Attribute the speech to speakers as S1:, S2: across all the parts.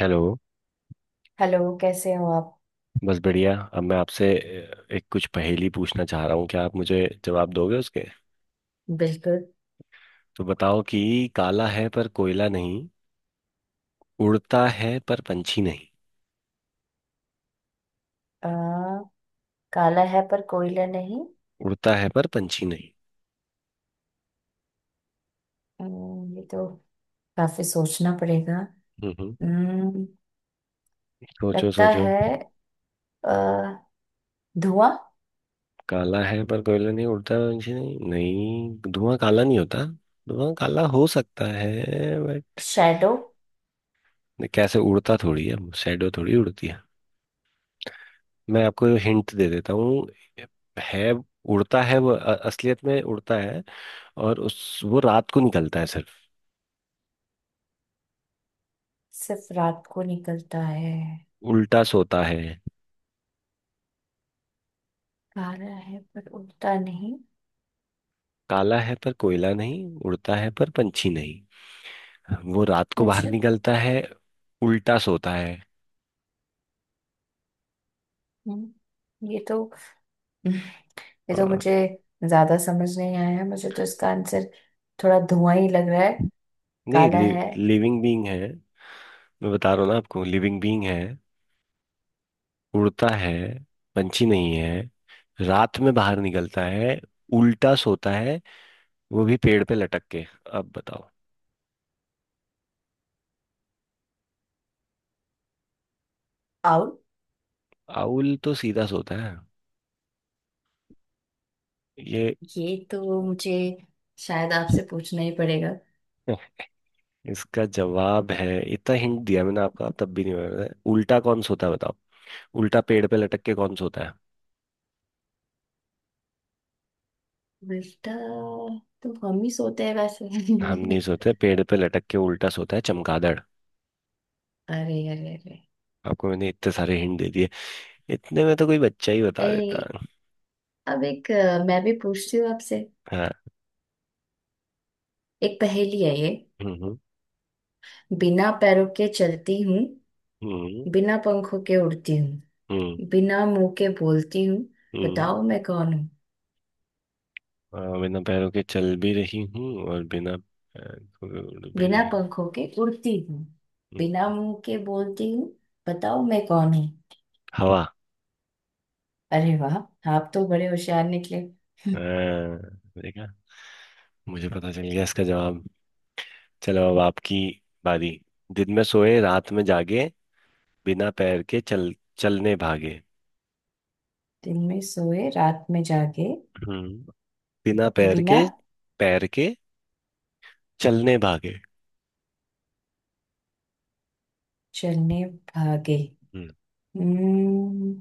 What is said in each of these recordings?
S1: Hello.
S2: Hello, कैसे हो आप?
S1: बस बढ़िया। अब मैं आपसे एक कुछ पहेली पूछना चाह रहा हूँ, क्या आप मुझे जवाब दोगे उसके?
S2: बिल्कुल।
S1: तो बताओ कि काला है पर कोयला नहीं, उड़ता है पर पंछी नहीं।
S2: आ, काला है पर कोयला नहीं।
S1: उड़ता है पर पंछी नहीं।
S2: ये तो काफी सोचना पड़ेगा।
S1: हम्म, हम्म।
S2: अम्म,
S1: सोचो,
S2: लगता
S1: सोचो।
S2: है अ, धुआं।
S1: काला है पर कोयला नहीं, उड़ता है पर पंछी नहीं। नहीं, धुआं काला नहीं होता। धुआं काला हो सकता है, बट
S2: शैडो।
S1: कैसे उड़ता थोड़ी है। शैडो थोड़ी उड़ती है। मैं आपको हिंट दे देता हूँ। है। उड़ता है वो, असलियत में उड़ता है। और उस वो रात को निकलता है सिर्फ।
S2: सिर्फ रात को निकलता है।
S1: उल्टा सोता है।
S2: काला है पर उड़ता नहीं।
S1: काला है पर कोयला नहीं, उड़ता है पर पंछी नहीं। वो रात को बाहर
S2: मुझे।
S1: निकलता है। उल्टा सोता है।
S2: हम्म, ये तो ये
S1: अ,
S2: तो मुझे ज्यादा समझ नहीं आया है। मुझे तो इसका आंसर थोड़ा धुआं ही लग रहा है।
S1: नहीं,
S2: काला है।
S1: लिविंग बीइंग है। मैं बता रहा हूँ ना आपको, लिविंग बीइंग है। उड़ता है। पंछी नहीं है। रात में बाहर निकलता है। उल्टा सोता है, वो भी पेड़ पे लटक के। अब बताओ।
S2: आउट।
S1: आउल तो सीधा सोता है। ये
S2: ये तो मुझे शायद आपसे पूछना ही पड़ेगा।
S1: इसका जवाब है। इतना हिंट दिया मैंने आपका तब भी नहीं बता, उल्टा कौन सोता है बताओ। उल्टा पेड़ पे लटक के कौन सोता है?
S2: बेटा, तुम हम ही सोते हैं वैसे
S1: हम नहीं सोते पेड़ पे लटक के, उल्टा सोता है चमगादड़।
S2: अरे अरे अरे।
S1: आपको मैंने इतने सारे हिंट दे दिए। इतने में तो कोई बच्चा ही बता देता
S2: ए,
S1: है।
S2: अब एक मैं भी पूछती हूँ आपसे।
S1: हाँ।
S2: एक पहेली है ये।
S1: हम्म। हम्म।
S2: बिना पैरों के चलती हूँ।
S1: हम्म।
S2: बिना पंखों के उड़ती हूँ।
S1: हम्म।
S2: बिना मुंह के बोलती हूँ।
S1: हम्म।
S2: बताओ मैं कौन हूँ?
S1: हाँ, बिना पैरों के चल भी रही हूँ और बिना पैर को उड़ भी
S2: बिना
S1: रही हूँ।
S2: पंखों के उड़ती हूँ।
S1: हम्म,
S2: बिना
S1: हम्म।
S2: मुंह के बोलती हूँ। बताओ मैं कौन हूँ?
S1: हवा।
S2: अरे वाह! आप तो बड़े होशियार निकले
S1: हाँ, देखा, मुझे पता चल गया इसका जवाब। चलो अब आपकी बारी। दिन में सोए रात में जागे, बिना पैर के चल चलने भागे।
S2: दिन में सोए रात में जागे,
S1: हम्म। बिना पैर
S2: बिना
S1: के पैर के चलने भागे।
S2: चलने भागे।
S1: हम्म।
S2: हम्म,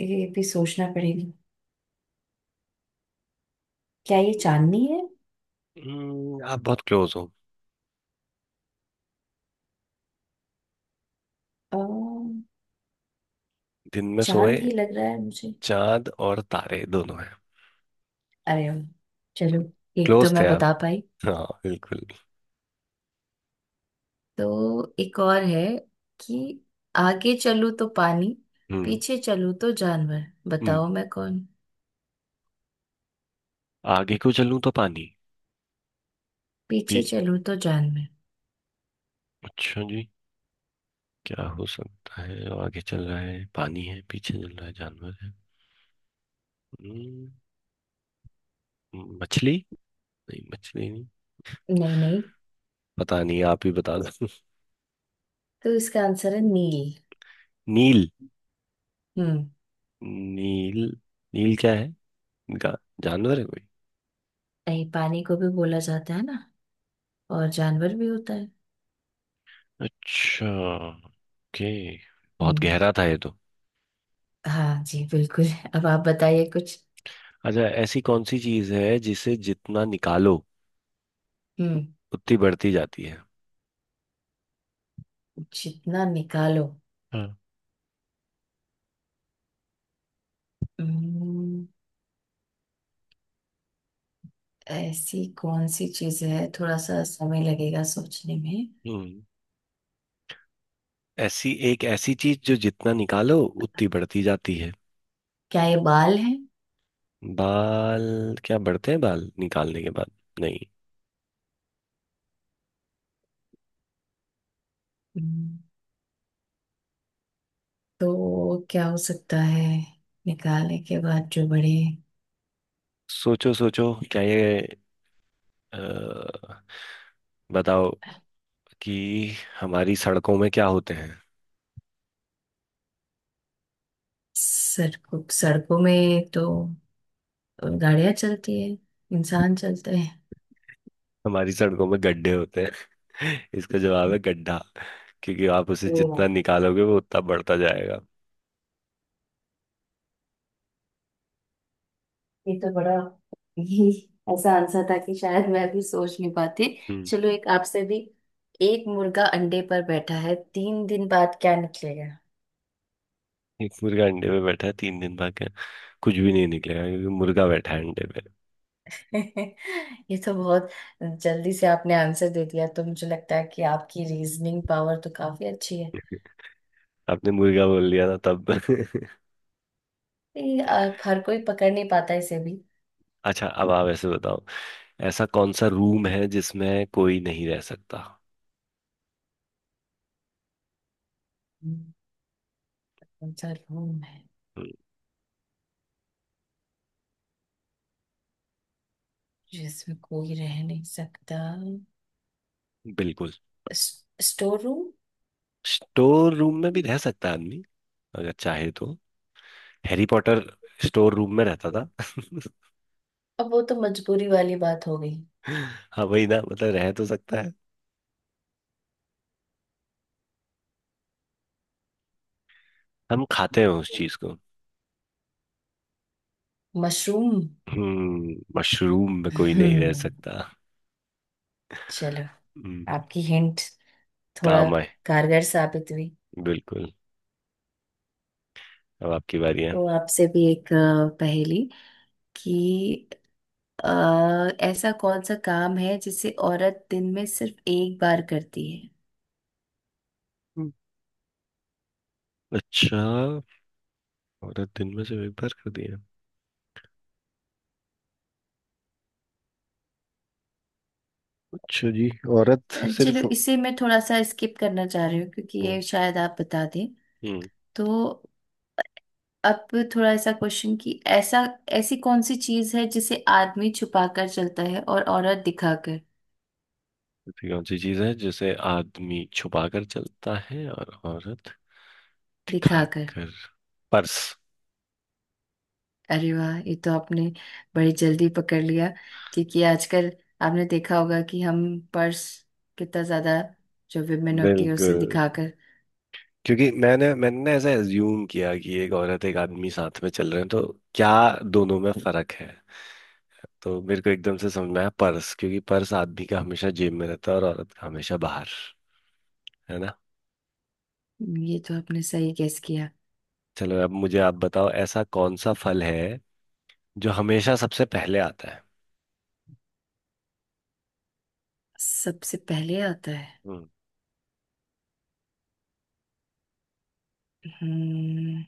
S2: ये भी सोचना पड़ेगा। क्या ये चांदनी है?
S1: आप बहुत क्लोज हो।
S2: अ,
S1: दिन में
S2: चांद
S1: सोए।
S2: ही लग रहा है मुझे।
S1: चांद और तारे दोनों हैं।
S2: अरे वाह! चलो, एक तो
S1: क्लोज थे
S2: मैं
S1: आप।
S2: बता पाई।
S1: हाँ, बिल्कुल।
S2: तो एक और है कि आगे चलूं तो पानी,
S1: हम्म।
S2: पीछे चलूं तो जानवर।
S1: हम्म।
S2: बताओ मैं कौन?
S1: आगे को चलूं तो पानी, पी
S2: पीछे चलूं तो जानवर।
S1: अच्छा जी, क्या हो सकता है जो आगे चल रहा है पानी है, पीछे चल रहा है जानवर है? हम्म, मछली? नहीं, मछली नहीं।
S2: नहीं नहीं।
S1: पता नहीं, आप ही बता दो।
S2: तो इसका आंसर है नील।
S1: नील।
S2: हम्म।
S1: नील। नील क्या है? गा- जानवर है कोई?
S2: नहीं, पानी को भी बोला जाता है ना, और जानवर भी होता है।
S1: अच्छा, ओके। बहुत
S2: हम्म।
S1: गहरा था ये तो।
S2: हाँ जी, बिल्कुल। अब आप बताइए कुछ।
S1: अच्छा, ऐसी कौन सी चीज है जिसे जितना निकालो
S2: हम्म।
S1: उतनी बढ़ती जाती है?
S2: जितना निकालो।
S1: हाँ।
S2: हम्म, ऐसी कौन सी चीज है? थोड़ा सा समय लगेगा सोचने में।
S1: हम्म। ऐसी एक ऐसी चीज जो जितना निकालो उतनी बढ़ती जाती है।
S2: क्या ये बाल है?
S1: बाल क्या बढ़ते हैं बाल निकालने के बाद? नहीं।
S2: हम्म, तो क्या हो सकता है? निकालने के बाद जो बड़े।
S1: सोचो, सोचो, क्या ये, अ, बताओ कि हमारी सड़कों में क्या होते हैं?
S2: सड़कों सड़कों में तो गाड़ियां चलती है, इंसान चलते हैं।
S1: हमारी सड़कों में गड्ढे होते हैं। इसका जवाब है गड्ढा, क्योंकि आप उसे जितना
S2: तो
S1: निकालोगे वो उतना बढ़ता जाएगा।
S2: ये तो बड़ा ही ऐसा आंसर था कि शायद मैं भी सोच नहीं पाती।
S1: हम्म।
S2: चलो, एक आपसे भी। एक मुर्गा अंडे पर बैठा है, तीन दिन बाद क्या निकलेगा?
S1: एक मुर्गा अंडे में बैठा है 3 दिन बाकी है। कुछ भी नहीं निकलेगा क्योंकि मुर्गा बैठा है अंडे पे।
S2: ये तो बहुत जल्दी से आपने आंसर दे दिया। तो मुझे लगता है कि आपकी रीजनिंग पावर तो काफी अच्छी है।
S1: आपने मुर्गा बोल दिया ना तब।
S2: ये, हर कोई पकड़ नहीं पाता इसे भी।
S1: अच्छा, अब आप ऐसे बताओ, ऐसा कौन सा रूम है जिसमें कोई नहीं रह सकता?
S2: हम्म, कौन सा रूम है
S1: हम्म।
S2: जिसमें कोई रह नहीं सकता?
S1: बिल्कुल।
S2: Store room.
S1: स्टोर रूम में भी रह सकता है आदमी, अगर चाहे तो। हैरी पॉटर स्टोर रूम में रहता था।
S2: अब वो तो मजबूरी वाली बात हो गई।
S1: हाँ वही ना, मतलब रह तो सकता है। हम खाते हैं उस चीज को।
S2: मशरूम।
S1: हम्म, मशरूम में कोई नहीं रह
S2: हम्म।
S1: सकता।
S2: चलो,
S1: हम्म,
S2: आपकी हिंट थोड़ा
S1: काम आए।
S2: कारगर साबित हुई।
S1: बिल्कुल। अब आपकी बारी है।
S2: तो आपसे भी एक पहेली, कि ऐसा कौन सा काम है जिसे औरत दिन में सिर्फ 1 बार करती है?
S1: हम्म। अच्छा। औरत दिन में सिर्फ एक बार खाती है? अच्छा जी। औरत
S2: चलो,
S1: सिर्फ।
S2: इसे मैं थोड़ा सा स्किप करना चाह रही हूँ क्योंकि
S1: हम्म।
S2: ये शायद आप बता दें। तो अब थोड़ा ऐसा क्वेश्चन कि ऐसा ऐसी कौन सी चीज है जिसे आदमी छुपा कर चलता है और औरत दिखाकर?
S1: ऐसी कौन सी चीज है जिसे आदमी छुपा कर चलता है और औरत दिखा
S2: दिखाकर।
S1: कर? पर्स।
S2: अरे वाह! ये तो आपने बड़ी जल्दी पकड़ लिया। क्योंकि आजकल आपने देखा होगा कि हम पर्स कितना ज्यादा, जो विमेन होती है उसे
S1: बिल्कुल।
S2: दिखाकर।
S1: क्योंकि मैंने मैंने ना ऐसा एज्यूम किया कि एक औरत एक आदमी साथ में चल रहे हैं, तो क्या दोनों में फर्क है? तो मेरे को एकदम से समझ में आया पर्स, क्योंकि पर्स आदमी का हमेशा जेब में रहता है और औरत का हमेशा बाहर, है ना।
S2: ये तो आपने सही गेस किया।
S1: चलो अब मुझे आप बताओ, ऐसा कौन सा फल है जो हमेशा सबसे पहले आता है?
S2: सबसे पहले आता है।
S1: हम्म।
S2: हम्म।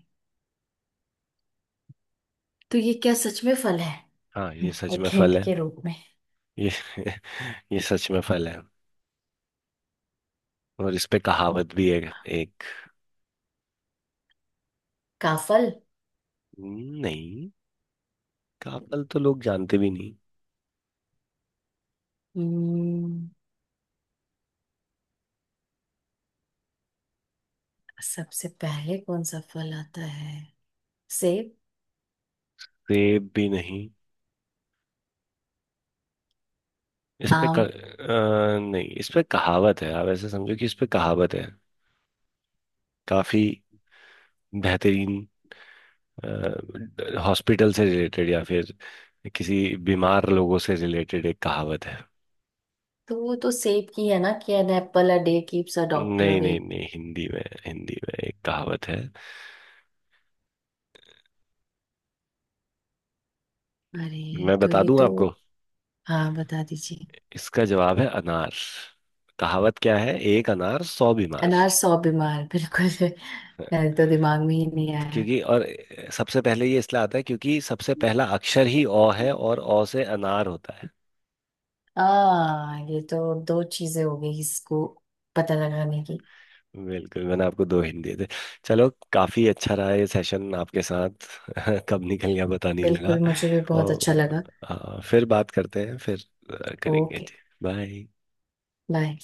S2: तो ये क्या सच में फल है?
S1: हाँ, ये सच में
S2: एक
S1: फल
S2: हिंट
S1: है।
S2: के रूप में।
S1: ये ये सच में फल है और इस पे कहावत भी है। एक।
S2: काफल।
S1: नहीं, का फल तो लोग जानते भी नहीं।
S2: हम्म। सबसे पहले कौन सा फल आता है? सेब।
S1: सेब भी नहीं। इस पे
S2: आम।
S1: नहीं, इस पे कहावत है, आप ऐसे समझो कि इस पे कहावत है। काफी बेहतरीन। हॉस्पिटल से रिलेटेड या फिर किसी बीमार लोगों से रिलेटेड एक कहावत है।
S2: तो वो तो सेब की है ना कि an apple a day keeps a doctor
S1: नहीं,
S2: अवे।
S1: नहीं, नहीं, हिंदी में, हिंदी में एक कहावत है।
S2: अरे
S1: मैं
S2: तो
S1: बता
S2: ये
S1: दूं
S2: तो।
S1: आपको।
S2: हाँ, बता दीजिए।
S1: इसका जवाब है अनार। कहावत क्या है? एक अनार सौ बीमार।
S2: अनार सौ बीमार, बिल्कुल मेरे तो दिमाग में ही नहीं आया।
S1: क्योंकि और सबसे पहले ये इसलिए आता है क्योंकि सबसे पहला अक्षर ही अ है, और अ से अनार होता है।
S2: आ, ये तो दो चीजें हो गई इसको पता लगाने की।
S1: बिल्कुल, मैंने आपको दो हिंट दिए थे। चलो, काफी अच्छा रहा ये सेशन आपके साथ। कब निकल गया पता नहीं
S2: बिल्कुल,
S1: लगा।
S2: मुझे भी बहुत अच्छा
S1: और
S2: लगा।
S1: फिर बात करते हैं, फिर करेंगे।
S2: ओके।
S1: बाय।
S2: बाय।